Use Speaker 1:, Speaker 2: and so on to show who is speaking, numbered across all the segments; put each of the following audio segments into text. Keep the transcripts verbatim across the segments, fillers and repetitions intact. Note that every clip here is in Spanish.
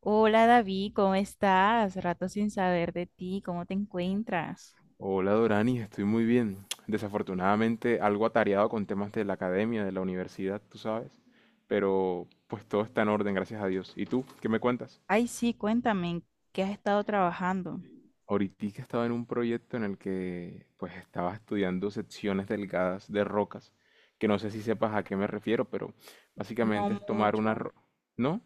Speaker 1: Hola David, ¿cómo estás? Rato sin saber de ti, ¿cómo te encuentras?
Speaker 2: Hola Dorani, estoy muy bien. Desafortunadamente algo atareado con temas de la academia, de la universidad, tú sabes. Pero pues todo está en orden, gracias a Dios. ¿Y tú? ¿Qué me cuentas?
Speaker 1: Ay, sí, cuéntame, ¿en ¿qué has estado trabajando?
Speaker 2: Ahorita estaba en un proyecto en el que pues estaba estudiando secciones delgadas de rocas, que no sé si sepas a qué me refiero, pero
Speaker 1: No
Speaker 2: básicamente es tomar una...
Speaker 1: mucho.
Speaker 2: ro- ¿No?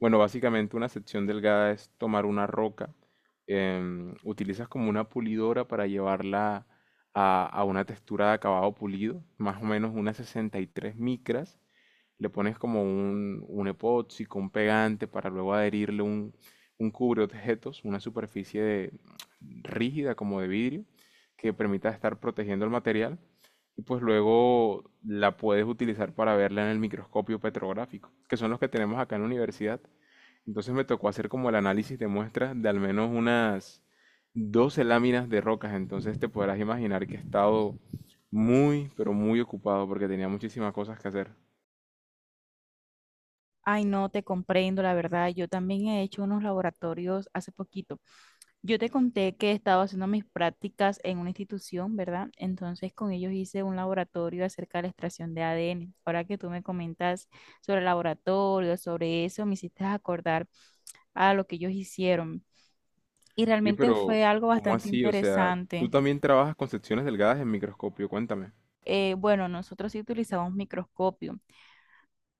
Speaker 2: Bueno, básicamente una sección delgada es tomar una roca, em, utilizas como una pulidora para llevarla a, a una textura de acabado pulido, más o menos unas sesenta y tres micras, le pones como un, un epoxi con un pegante para luego adherirle un, un objetos, una superficie de- rígida como de vidrio que permita estar protegiendo el material y pues luego la puedes utilizar para verla en el microscopio petrográfico, que son los que tenemos acá en la universidad. Entonces me tocó hacer como el análisis de muestras de al menos unas doce láminas de rocas. Entonces te podrás imaginar que he estado muy, pero muy ocupado porque tenía muchísimas cosas que hacer.
Speaker 1: Ay, no, te comprendo, la verdad. Yo también he hecho unos laboratorios hace poquito. Yo te conté que he estado haciendo mis prácticas en una institución, ¿verdad? Entonces con ellos hice un laboratorio acerca de la extracción de A D N. Ahora que tú me comentas sobre el laboratorio, sobre eso, me hiciste acordar a lo que ellos hicieron. Y
Speaker 2: Y
Speaker 1: realmente
Speaker 2: pero,
Speaker 1: fue algo
Speaker 2: ¿cómo
Speaker 1: bastante
Speaker 2: así? O sea, tú
Speaker 1: interesante.
Speaker 2: también trabajas con secciones delgadas en microscopio. Cuéntame.
Speaker 1: Eh, bueno, nosotros sí utilizamos microscopio,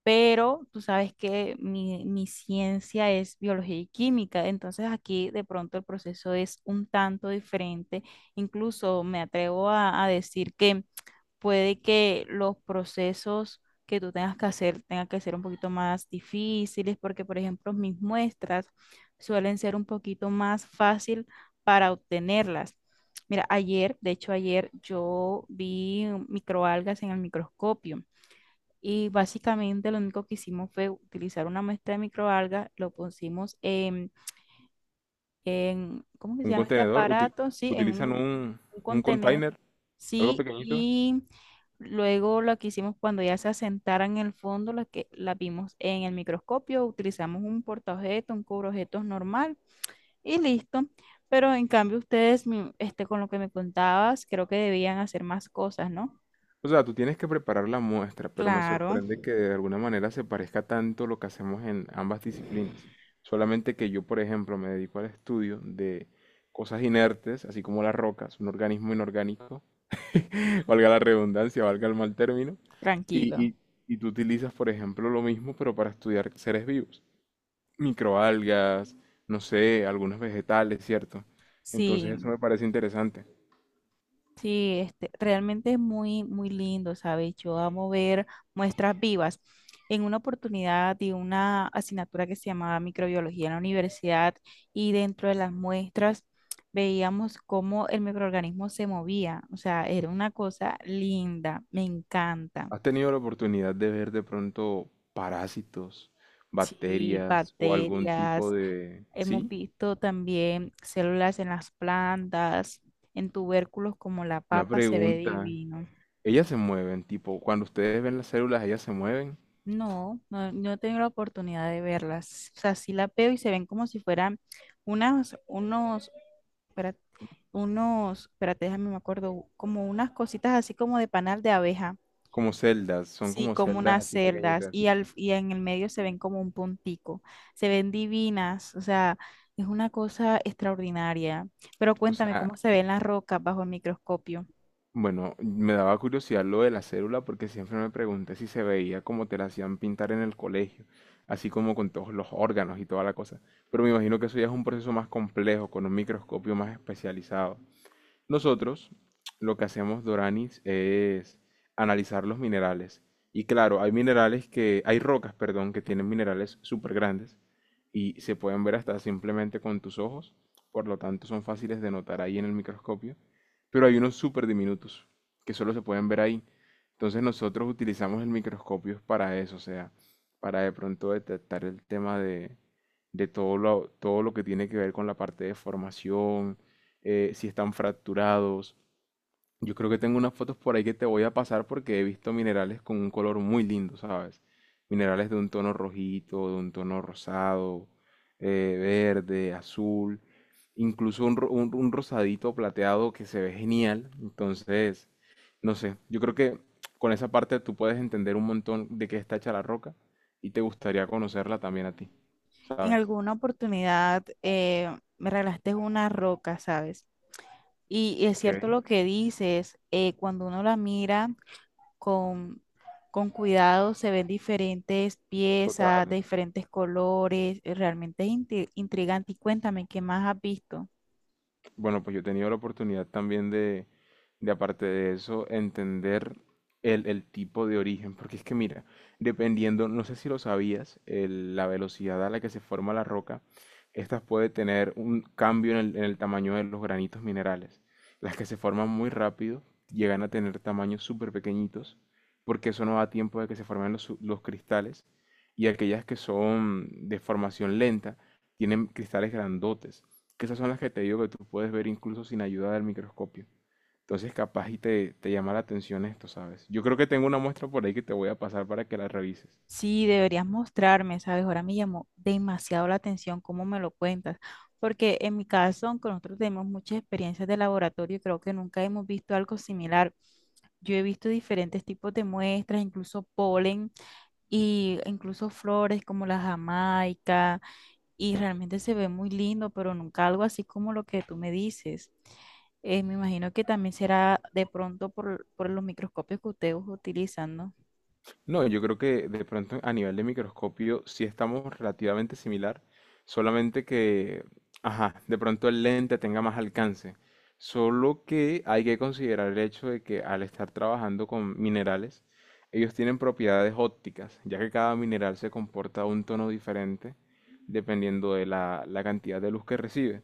Speaker 1: pero tú sabes que mi, mi ciencia es biología y química, entonces aquí de pronto el proceso es un tanto diferente. Incluso me atrevo a, a decir que puede que los procesos que tú tengas que hacer tengan que ser un poquito más difíciles, porque por ejemplo mis muestras suelen ser un poquito más fácil para obtenerlas. Mira, ayer, de hecho ayer yo vi microalgas en el microscopio y básicamente lo único que hicimos fue utilizar una muestra de microalgas, lo pusimos en, en ¿cómo que se
Speaker 2: ¿Un
Speaker 1: llama este
Speaker 2: contenedor? Uti-
Speaker 1: aparato? Sí, en
Speaker 2: ¿Utilizan
Speaker 1: un,
Speaker 2: un,
Speaker 1: un
Speaker 2: un
Speaker 1: contenedor,
Speaker 2: container? ¿Algo
Speaker 1: sí,
Speaker 2: pequeñito?
Speaker 1: y luego lo que hicimos cuando ya se asentaran en el fondo, las que la vimos en el microscopio, utilizamos un portaobjetos, un cubreobjetos normal y listo. Pero en cambio ustedes, mi- este, con lo que me contabas, creo que debían hacer más cosas, ¿no?
Speaker 2: O sea, tú tienes que preparar la muestra, pero me
Speaker 1: Claro,
Speaker 2: sorprende que de alguna manera se parezca tanto lo que hacemos en ambas disciplinas. Solamente que yo, por ejemplo, me dedico al estudio de cosas inertes, así como las rocas, un organismo inorgánico, valga la redundancia, valga el mal término, y,
Speaker 1: tranquilo.
Speaker 2: y, y tú utilizas, por ejemplo, lo mismo, pero para estudiar seres vivos, microalgas, no sé, algunos vegetales, ¿cierto? Entonces eso
Speaker 1: Sí.
Speaker 2: me parece interesante.
Speaker 1: Sí, este, realmente es muy, muy lindo, ¿sabes? Yo amo ver muestras vivas. En una oportunidad di una asignatura que se llamaba microbiología en la universidad y dentro de las muestras veíamos cómo el microorganismo se movía. O sea, era una cosa linda, me encanta.
Speaker 2: ¿Has tenido la oportunidad de ver de pronto parásitos,
Speaker 1: Sí,
Speaker 2: bacterias o algún tipo
Speaker 1: bacterias,
Speaker 2: de...
Speaker 1: hemos
Speaker 2: Sí,
Speaker 1: visto también células en las plantas, en tubérculos como la
Speaker 2: una
Speaker 1: papa, se ve
Speaker 2: pregunta.
Speaker 1: divino.
Speaker 2: Ellas se mueven, tipo, cuando ustedes ven las células, ellas se mueven
Speaker 1: No, no, no he tenido la oportunidad de verlas. O sea, sí la veo y se ven como si fueran unas, unos, espérate, unos, espérate, déjame, me acuerdo, como unas cositas así como de panal de abeja.
Speaker 2: como celdas, son
Speaker 1: Sí,
Speaker 2: como
Speaker 1: como
Speaker 2: celdas
Speaker 1: unas
Speaker 2: así
Speaker 1: celdas
Speaker 2: pequeñitas.
Speaker 1: y, al, y en el medio se ven como un puntico. Se ven divinas, o sea, es una cosa extraordinaria. Pero
Speaker 2: O
Speaker 1: cuéntame
Speaker 2: sea,
Speaker 1: cómo se ven las rocas bajo el microscopio.
Speaker 2: bueno, me daba curiosidad lo de la célula porque siempre me pregunté si se veía como te la hacían pintar en el colegio, así como con todos los órganos y toda la cosa. Pero me imagino que eso ya es un proceso más complejo, con un microscopio más especializado. Nosotros lo que hacemos, Doranis, es analizar los minerales. Y claro, hay minerales que, hay rocas, perdón, que tienen minerales súper grandes y se pueden ver hasta simplemente con tus ojos, por lo tanto son fáciles de notar ahí en el microscopio, pero hay unos súper diminutos que solo se pueden ver ahí. Entonces nosotros utilizamos el microscopio para eso, o sea, para de pronto detectar el tema de, de todo lo, todo lo que tiene que ver con la parte de formación, eh, si están fracturados. Yo creo que tengo unas fotos por ahí que te voy a pasar porque he visto minerales con un color muy lindo, ¿sabes? Minerales de un tono rojito, de un tono rosado, eh, verde, azul, incluso un, ro- un- un rosadito plateado que se ve genial. Entonces, no sé, yo creo que con esa parte tú puedes entender un montón de qué está hecha la roca y te gustaría conocerla también a ti,
Speaker 1: En
Speaker 2: ¿sabes?
Speaker 1: alguna oportunidad eh, me regalaste una roca, ¿sabes? Y es
Speaker 2: Ok,
Speaker 1: cierto lo que dices, eh, cuando uno la mira con, con cuidado se ven diferentes piezas
Speaker 2: total.
Speaker 1: de diferentes colores, eh, realmente es inti- intrigante. Y cuéntame, ¿qué más has visto?
Speaker 2: Bueno, pues yo he tenido la oportunidad también de, de aparte de eso, entender el, el tipo de origen, porque es que mira, dependiendo, no sé si lo sabías, el- la velocidad a la que se forma la roca, estas puede tener un cambio en el, en el tamaño de los granitos minerales. Las que se forman muy rápido llegan a tener tamaños súper pequeñitos, porque eso no da tiempo de que se formen los, su- los cristales, y aquellas que son de formación lenta tienen cristales grandotes que esas son las que te digo que tú puedes ver incluso sin ayuda del microscopio. Entonces capaz y te, te llama la atención esto, ¿sabes? Yo creo que tengo una muestra por ahí que te voy a pasar para que la revises.
Speaker 1: Sí, deberías mostrarme, ¿sabes? Ahora me llamó demasiado la atención cómo me lo cuentas, porque en mi caso, aunque nosotros tenemos muchas experiencias de laboratorio, creo que nunca hemos visto algo similar. Yo he visto diferentes tipos de muestras, incluso polen y incluso flores como la jamaica y realmente se ve muy lindo, pero nunca algo así como lo que tú me dices. Eh, me imagino que también será de pronto por, por los microscopios que ustedes utilizan, ¿no?
Speaker 2: No, yo creo que de pronto a nivel de microscopio sí estamos relativamente similar, solamente que, ajá, de pronto el lente tenga más alcance. Solo que hay que considerar el hecho de que al estar trabajando con minerales, ellos tienen propiedades ópticas, ya que cada mineral se comporta a un tono diferente dependiendo de la, la cantidad de luz que recibe.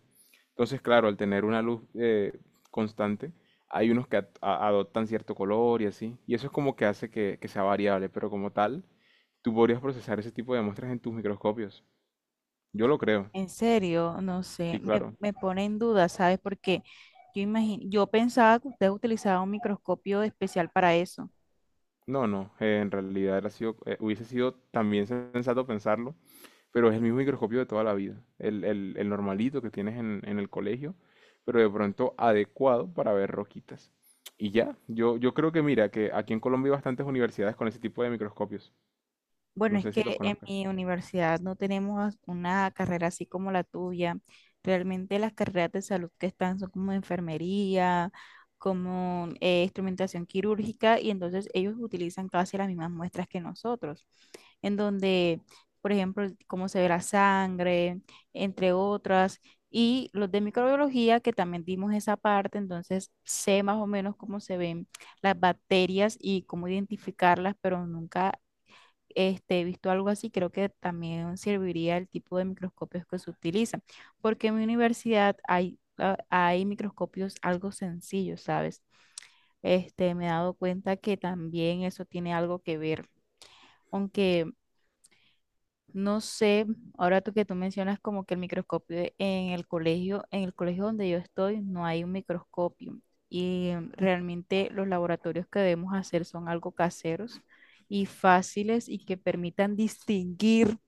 Speaker 2: Entonces, claro, al tener una luz eh, constante, hay unos que ad- a- adoptan cierto color y así. Y eso es como que hace que, que sea variable, pero como tal, tú podrías procesar ese tipo de muestras en tus microscopios. Yo lo creo,
Speaker 1: En serio, no sé,
Speaker 2: sí,
Speaker 1: me,
Speaker 2: claro.
Speaker 1: me pone en duda, ¿sabes? Porque yo imagino, yo pensaba que ustedes utilizaban un microscopio especial para eso.
Speaker 2: No, no, eh, en realidad era sido, eh, hubiese sido también sensato pensarlo, pero es el mismo microscopio de toda la vida, el, el- el normalito que tienes en, en el colegio, pero de pronto adecuado para ver roquitas. Y ya, yo, yo creo que mira, que aquí en Colombia hay bastantes universidades con ese tipo de microscopios.
Speaker 1: Bueno,
Speaker 2: No
Speaker 1: es
Speaker 2: sé si
Speaker 1: que
Speaker 2: los
Speaker 1: en
Speaker 2: conozcas.
Speaker 1: mi universidad no tenemos una carrera así como la tuya. Realmente las carreras de salud que están son como enfermería, como eh, instrumentación quirúrgica, y entonces ellos utilizan casi las mismas muestras que nosotros, en donde, por ejemplo, cómo se ve la sangre, entre otras, y los de microbiología, que también dimos esa parte, entonces sé más o menos cómo se ven las bacterias y cómo identificarlas, pero nunca este, he visto algo así, creo que también serviría el tipo de microscopios que se utilizan, porque en mi universidad hay, ah, hay microscopios algo sencillos, ¿sabes? Este, me he dado cuenta que también eso tiene algo que ver, aunque no sé, ahora tú que tú mencionas como que el microscopio en el colegio, en el colegio donde yo estoy no hay un microscopio y realmente los laboratorios que debemos hacer son algo caseros y fáciles y que permitan distinguir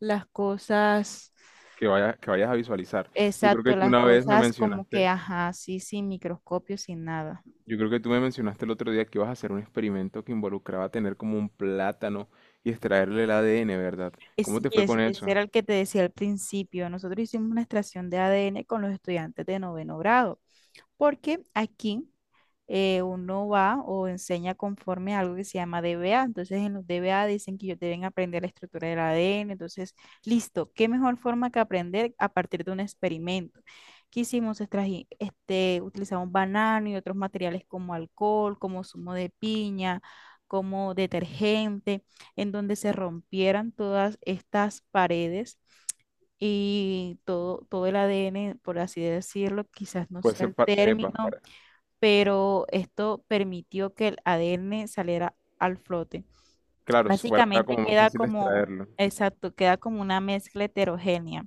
Speaker 1: las cosas,
Speaker 2: Que vayas, que vayas a visualizar. Yo creo
Speaker 1: exacto,
Speaker 2: que tú
Speaker 1: las
Speaker 2: una vez me
Speaker 1: cosas como que,
Speaker 2: mencionaste,
Speaker 1: ajá, sí, sin microscopio, sin nada.
Speaker 2: yo creo que tú me mencionaste el otro día que ibas a hacer un experimento que involucraba tener como un plátano y extraerle el A D N, ¿verdad?
Speaker 1: Es,
Speaker 2: ¿Cómo
Speaker 1: sí,
Speaker 2: te fue
Speaker 1: es,
Speaker 2: con
Speaker 1: ese
Speaker 2: eso?
Speaker 1: era el que te decía al principio. Nosotros hicimos una extracción de A D N con los estudiantes de noveno grado. Porque aquí eh, uno va o enseña conforme a algo que se llama D B A. Entonces, en los D B A dicen que ellos deben aprender la estructura del A D N. Entonces, listo, ¿qué mejor forma que aprender a partir de un experimento? ¿Qué hicimos? Extraji- este, utilizamos banano y otros materiales como alcohol, como zumo de piña, como detergente, en donde se rompieran todas estas paredes y todo, todo el A D N, por así decirlo, quizás no
Speaker 2: Pues,
Speaker 1: sea el
Speaker 2: epa,
Speaker 1: término,
Speaker 2: para,
Speaker 1: pero esto permitió que el A D N saliera al flote.
Speaker 2: claro, si fuera
Speaker 1: Básicamente
Speaker 2: como más
Speaker 1: queda
Speaker 2: fácil de
Speaker 1: como,
Speaker 2: extraerlo.
Speaker 1: exacto, queda como una mezcla heterogénea.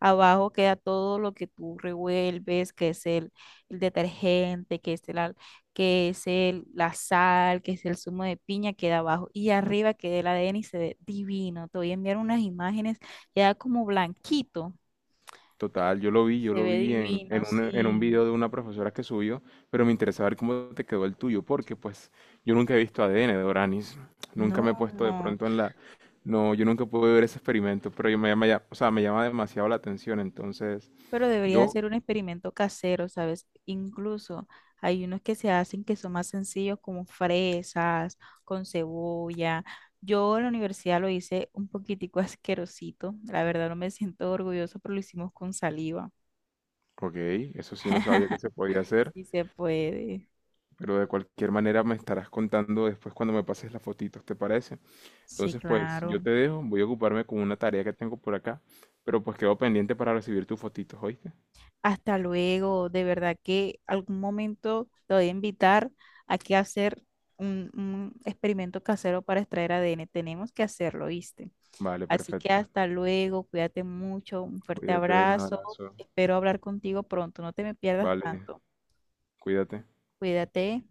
Speaker 1: Abajo queda todo lo que tú revuelves, que es el, el detergente, que es el, al- que es el, la sal, que es el zumo de piña, queda abajo. Y arriba queda el A D N y se ve divino. Te voy a enviar unas imágenes, queda como blanquito.
Speaker 2: Total, yo lo
Speaker 1: Y
Speaker 2: vi, yo
Speaker 1: se
Speaker 2: lo
Speaker 1: ve
Speaker 2: vi en,
Speaker 1: divino,
Speaker 2: en un, en un
Speaker 1: sí.
Speaker 2: video de una profesora que subió, pero me interesaba ver cómo te quedó el tuyo, porque pues yo nunca he visto A D N de Oranis, nunca me he puesto de
Speaker 1: No.
Speaker 2: pronto en la... No, yo nunca pude ver ese experimento, pero yo me llama, ya- o sea, me llama demasiado la atención, entonces
Speaker 1: Pero deberías
Speaker 2: yo,
Speaker 1: hacer un experimento casero, ¿sabes? Incluso hay unos que se hacen que son más sencillos, como fresas, con cebolla. Yo en la universidad lo hice un poquitico asquerosito. La verdad no me siento orgulloso, pero lo hicimos con saliva.
Speaker 2: ok, eso sí no sabía que se podía hacer,
Speaker 1: Sí se puede.
Speaker 2: pero de cualquier manera me estarás contando después cuando me pases las fotitos, ¿te parece?
Speaker 1: Sí,
Speaker 2: Entonces pues
Speaker 1: claro.
Speaker 2: yo te dejo, voy a ocuparme con una tarea que tengo por acá, pero pues quedo pendiente para recibir tus fotitos, ¿oíste?
Speaker 1: Hasta luego. De verdad que algún momento te voy a invitar a que hacer un, un experimento casero para extraer A D N. Tenemos que hacerlo, ¿viste?
Speaker 2: Vale,
Speaker 1: Así que
Speaker 2: perfecto.
Speaker 1: hasta luego, cuídate mucho, un fuerte
Speaker 2: Cuídate, un
Speaker 1: abrazo,
Speaker 2: abrazo.
Speaker 1: espero hablar contigo pronto, no te me pierdas
Speaker 2: Vale,
Speaker 1: tanto,
Speaker 2: cuídate.
Speaker 1: cuídate.